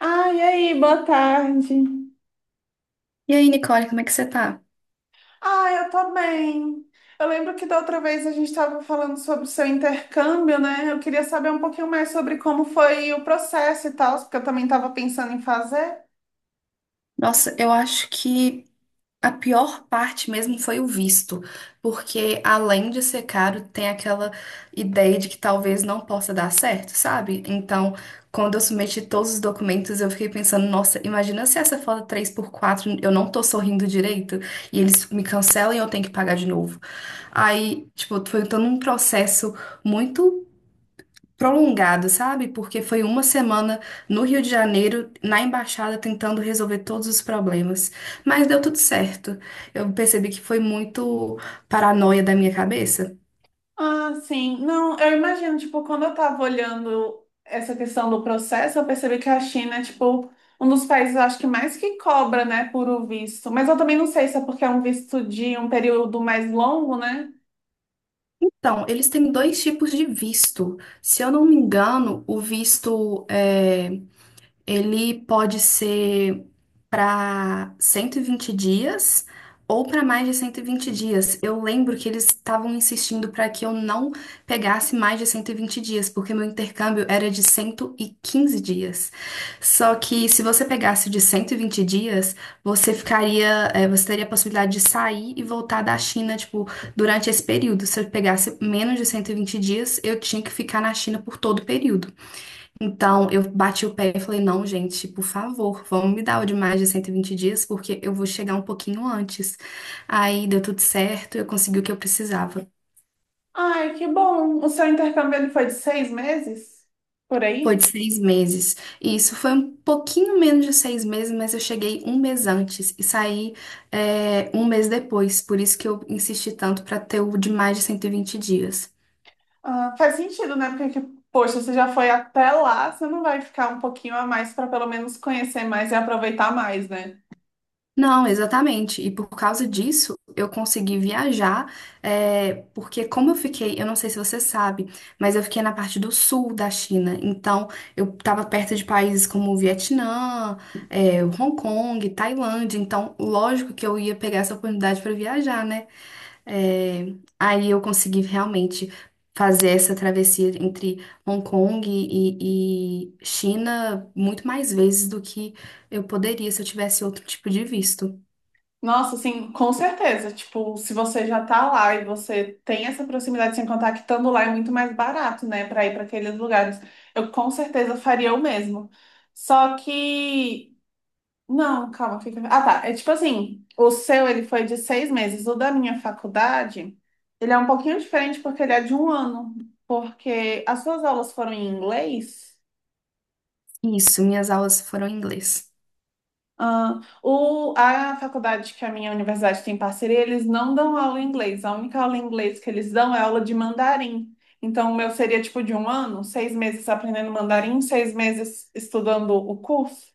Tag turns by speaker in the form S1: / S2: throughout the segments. S1: Ah, e aí, boa tarde.
S2: E aí, Nicole, como é que você tá?
S1: Ah, eu tô bem. Eu lembro que da outra vez a gente estava falando sobre o seu intercâmbio, né? Eu queria saber um pouquinho mais sobre como foi o processo e tal, porque eu também estava pensando em fazer.
S2: Nossa, eu acho que a pior parte mesmo foi o visto, porque além de ser caro, tem aquela ideia de que talvez não possa dar certo, sabe? Então, quando eu submeti todos os documentos, eu fiquei pensando, nossa, imagina se essa foto 3x4 eu não tô sorrindo direito e eles me cancelam e eu tenho que pagar de novo. Aí, tipo, foi todo um processo muito prolongado, sabe? Porque foi uma semana no Rio de Janeiro, na embaixada, tentando resolver todos os problemas. Mas deu tudo certo. Eu percebi que foi muito paranoia da minha cabeça.
S1: Ah, sim. Não, eu imagino, tipo, quando eu tava olhando essa questão do processo, eu percebi que a China é, tipo, um dos países, eu acho que mais que cobra, né, por o visto. Mas eu também não sei se é porque é um visto de um período mais longo, né?
S2: Então, eles têm dois tipos de visto. Se eu não me engano, o visto ele pode ser para 120 dias ou para mais de 120 dias. Eu lembro que eles estavam insistindo para que eu não pegasse mais de 120 dias, porque meu intercâmbio era de 115 dias. Só que se você pegasse o de 120 dias, você ficaria, você teria a possibilidade de sair e voltar da China, tipo, durante esse período. Se eu pegasse menos de 120 dias, eu tinha que ficar na China por todo o período. Então, eu bati o pé e falei, não, gente, por favor, vamos me dar o de mais de 120 dias, porque eu vou chegar um pouquinho antes. Aí deu tudo certo, eu consegui o que eu precisava.
S1: Ai, que bom. O seu intercâmbio ele foi de 6 meses? Por
S2: Foi
S1: aí?
S2: de 6 meses. E isso foi um pouquinho menos de 6 meses, mas eu cheguei um mês antes e saí, um mês depois. Por isso que eu insisti tanto para ter o de mais de 120 dias.
S1: Ah, faz sentido, né? Porque, poxa, você já foi até lá, você não vai ficar um pouquinho a mais para pelo menos conhecer mais e aproveitar mais, né?
S2: Não, exatamente. E por causa disso, eu consegui viajar, porque como eu fiquei, eu não sei se você sabe, mas eu fiquei na parte do sul da China. Então, eu estava perto de países como o Vietnã, Hong Kong, Tailândia. Então, lógico que eu ia pegar essa oportunidade para viajar, né? Aí eu consegui realmente fazer essa travessia entre Hong Kong e China muito mais vezes do que eu poderia se eu tivesse outro tipo de visto.
S1: Nossa, assim, com certeza. Tipo, se você já tá lá e você tem essa proximidade, sem contar que estando lá é muito mais barato, né? Para ir para aqueles lugares. Eu com certeza faria o mesmo. Só que. Não, calma, fica. Ah, tá. É tipo assim, o seu ele foi de 6 meses. O da minha faculdade, ele é um pouquinho diferente porque ele é de um ano. Porque as suas aulas foram em inglês.
S2: Isso, minhas aulas foram em inglês.
S1: Ah, o, a faculdade que a minha universidade tem parceria, eles não dão aula em inglês. A única aula em inglês que eles dão é aula de mandarim. Então, o meu seria tipo de um ano, 6 meses aprendendo mandarim, 6 meses estudando o curso.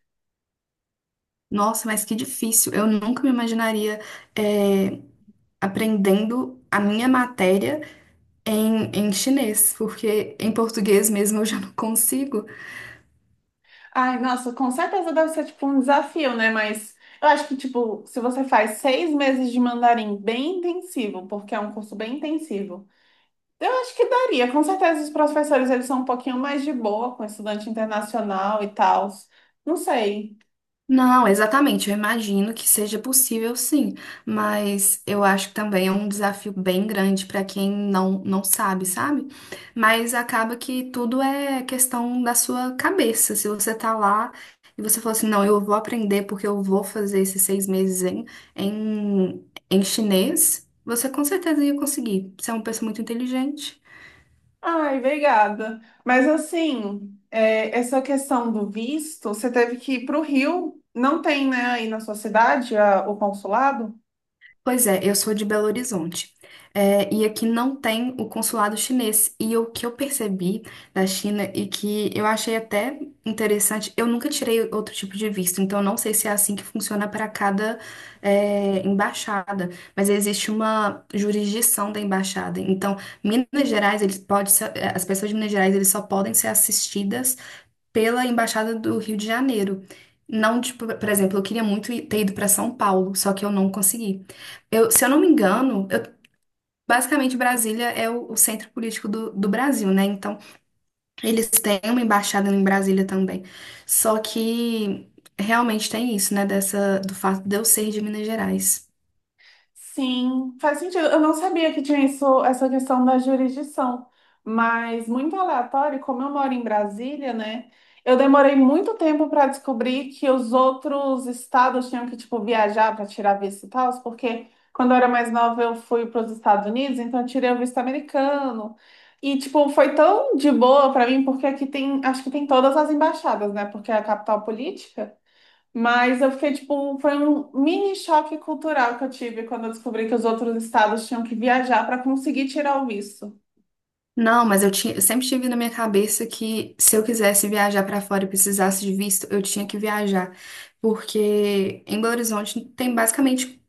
S2: Nossa, mas que difícil. Eu nunca me imaginaria eh, aprendendo a minha matéria em chinês, porque em português mesmo eu já não consigo.
S1: Ai, nossa, com certeza deve ser tipo um desafio, né? Mas eu acho que, tipo, se você faz 6 meses de mandarim bem intensivo, porque é um curso bem intensivo, eu acho que daria. Com certeza os professores, eles são um pouquinho mais de boa com estudante internacional e tal. Não sei.
S2: Não, exatamente. Eu imagino que seja possível, sim, mas eu acho que também é um desafio bem grande para quem não sabe, sabe? Mas acaba que tudo é questão da sua cabeça. Se você tá lá e você fala assim, não, eu vou aprender porque eu vou fazer esses 6 meses em, em chinês, você com certeza ia conseguir. Você é uma pessoa muito inteligente.
S1: Ai, obrigada. Mas assim, é, essa questão do visto, você teve que ir para o Rio. Não tem, né, aí na sua cidade, o consulado?
S2: Pois é, eu sou de Belo Horizonte. É, e aqui não tem o consulado chinês. E o que eu percebi da China e que eu achei até interessante, eu nunca tirei outro tipo de visto, então eu não sei se é assim que funciona para cada, embaixada, mas existe uma jurisdição da embaixada. Então, Minas Gerais, eles pode ser- eh, as pessoas de Minas Gerais, eles só podem ser assistidas pela Embaixada do Rio de Janeiro. Não, tipo, por exemplo, eu queria muito ir- ter ido para São Paulo, só que eu não consegui. Eu, se eu não me engano, eu- Basicamente Brasília é o centro político do Brasil, né? Então, eles têm uma embaixada em Brasília também. Só que realmente tem isso, né? Dessa, do fato de eu ser de Minas Gerais.
S1: Sim, faz sentido. Eu não sabia que tinha isso, essa questão da jurisdição, mas muito aleatório, como eu moro em Brasília, né? Eu demorei muito tempo para descobrir que os outros estados tinham que, tipo, viajar para tirar visto e tal, porque quando eu era mais nova eu fui para os Estados Unidos, então eu tirei o visto americano. E, tipo, foi tão de boa para mim, porque aqui tem, acho que tem todas as embaixadas, né? Porque é a capital política. Mas eu fiquei, tipo, foi um mini choque cultural que eu tive quando eu descobri que os outros estados tinham que viajar para conseguir tirar o visto.
S2: Não, mas eu tinha, eu sempre tive na minha cabeça que se eu quisesse viajar para fora e precisasse de visto, eu tinha que viajar. Porque em Belo Horizonte tem basicamente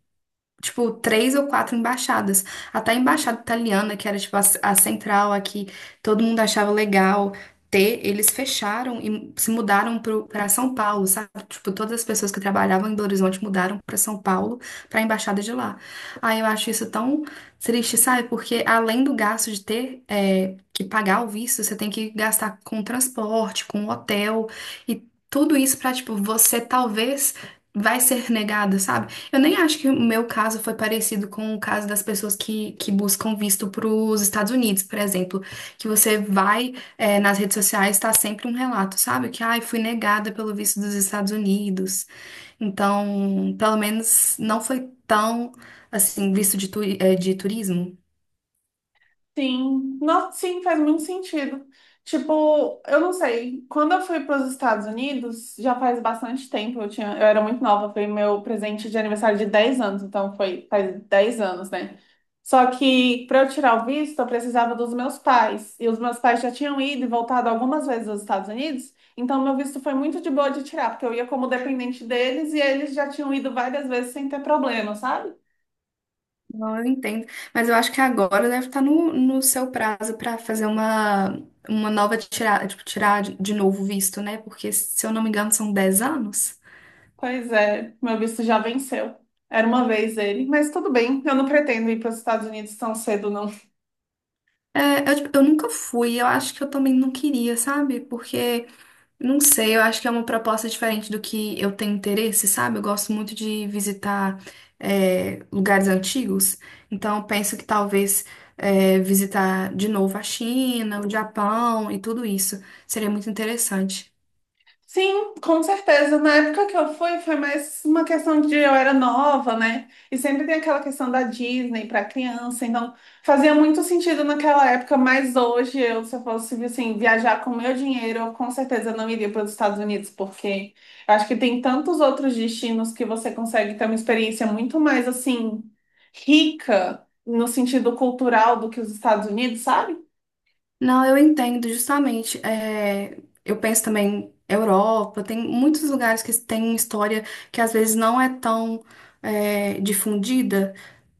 S2: tipo, três ou quatro embaixadas. Até a embaixada italiana, que era, tipo, a central aqui, todo mundo achava legal ter, eles fecharam e se mudaram para São Paulo, sabe? Tipo, todas as pessoas que trabalhavam em Belo Horizonte mudaram para São Paulo, para a embaixada de lá. Aí eu acho isso tão triste, sabe? Porque além do gasto de ter que pagar o visto, você tem que gastar com transporte, com hotel e tudo isso para, tipo, você talvez vai ser negado, sabe? Eu nem acho que o meu caso foi parecido com o caso das pessoas que buscam visto para os Estados Unidos, por exemplo, que você vai nas redes sociais, está sempre um relato, sabe? Que, ai, fui negada pelo visto dos Estados Unidos. Então, pelo menos não foi tão, assim, visto de, turi- é, de turismo.
S1: Sim, nossa, sim, faz muito sentido. Tipo, eu não sei, quando eu fui para os Estados Unidos, já faz bastante tempo, eu tinha, eu era muito nova, foi meu presente de aniversário de 10 anos, então foi faz 10 anos, né? Só que para eu tirar o visto, eu precisava dos meus pais, e os meus pais já tinham ido e voltado algumas vezes aos Estados Unidos, então meu visto foi muito de boa de tirar, porque eu ia como dependente deles e eles já tinham ido várias vezes sem ter problema, sabe?
S2: Não, eu entendo. Mas eu acho que agora deve estar no seu prazo para fazer uma nova tirada, tipo, tirar de novo o visto, né? Porque, se eu não me engano, são 10 anos.
S1: Pois é, meu visto já venceu. Era uma vez ele, mas tudo bem, eu não pretendo ir para os Estados Unidos tão cedo, não.
S2: É, eu, tipo, eu nunca fui, eu acho que eu também não queria, sabe? Porque, não sei, eu acho que é uma proposta diferente do que eu tenho interesse, sabe? Eu gosto muito de visitar, lugares antigos, então eu penso que talvez, visitar de novo a China, o Japão e tudo isso seria muito interessante.
S1: Sim, com certeza. Na época que eu fui, foi mais uma questão de eu era nova, né? E sempre tem aquela questão da Disney para criança, então fazia muito sentido naquela época, mas hoje eu, se eu fosse assim, viajar com o meu dinheiro, eu com certeza não iria para os Estados Unidos, porque eu acho que tem tantos outros destinos que você consegue ter uma experiência muito mais assim rica no sentido cultural do que os Estados Unidos, sabe?
S2: Não, eu entendo, justamente. Eu penso também Europa, tem muitos lugares que têm história que às vezes não é tão, difundida.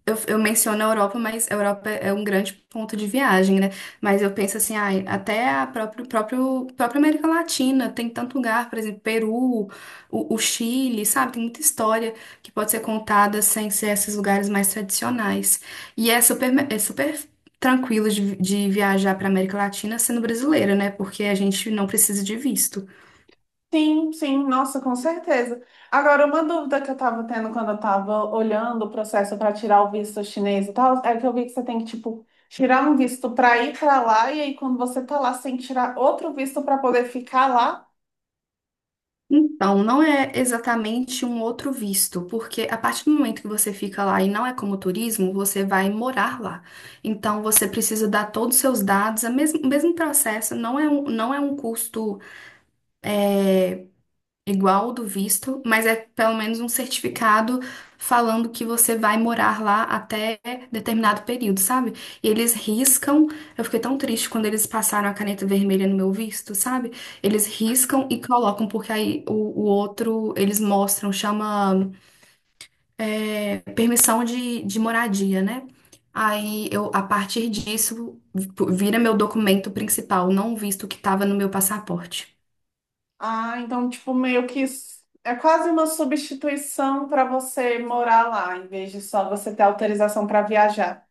S2: Eu menciono a Europa, mas a Europa é um grande ponto de viagem, né? Mas eu penso assim, ai, até a própria América Latina tem tanto lugar, por exemplo, Peru, o Chile, sabe? Tem muita história que pode ser contada sem ser esses lugares mais tradicionais. E é super tranquilo de viajar para América Latina sendo brasileira, né? Porque a gente não precisa de visto.
S1: Sim, sim, nossa, com certeza. Agora, uma dúvida que eu tava tendo quando eu tava olhando o processo para tirar o visto chinês e tal, é que eu vi que você tem que, tipo, tirar um visto para ir para lá, e aí quando você tá lá, você tem que tirar outro visto para poder ficar lá.
S2: Então, não é exatamente um outro visto, porque a partir do momento que você fica lá e não é como turismo, você vai morar lá. Então, você precisa dar todos os seus dados, o mesmo processo, não é um custo eh, igual ao do visto, mas é pelo menos um certificado falando que você vai morar lá até determinado período, sabe? E eles riscam. Eu fiquei tão triste quando eles passaram a caneta vermelha no meu visto, sabe? Eles riscam e colocam, porque aí o outro eles mostram, chama permissão de moradia, né? Aí eu, a partir disso, vira meu documento principal, não o visto que estava no meu passaporte.
S1: Ah, então, tipo, meio que é quase uma substituição para você morar lá, em vez de só você ter autorização para viajar.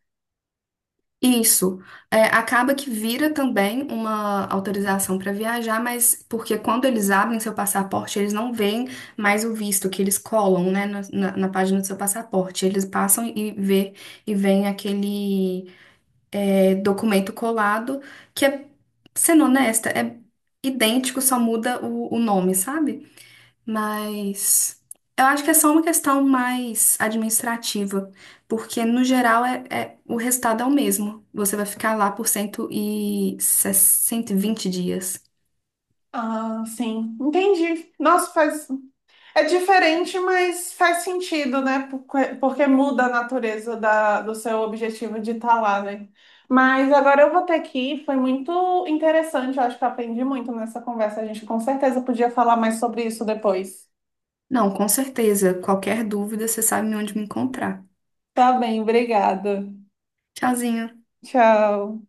S2: Isso. É, acaba que vira também uma autorização para viajar, mas porque quando eles abrem seu passaporte, eles não veem mais o visto que eles colam, né, na página do seu passaporte. Eles passam e vê e vem aquele documento colado que sendo honesta, é idêntico, só muda o nome, sabe? Mas eu acho que é só uma questão mais administrativa, porque no geral o resultado é o mesmo. Você vai ficar lá por 160 e 20 dias.
S1: Ah, sim, entendi. Nossa, faz é diferente, mas faz sentido, né? Porque, porque muda a natureza do seu objetivo de estar lá, né? Mas agora eu vou ter que ir. Foi muito interessante. Eu acho que eu aprendi muito nessa conversa. A gente com certeza podia falar mais sobre isso depois.
S2: Não, com certeza. Qualquer dúvida, você sabe onde me encontrar.
S1: Tá bem, obrigada.
S2: Tchauzinho.
S1: Tchau.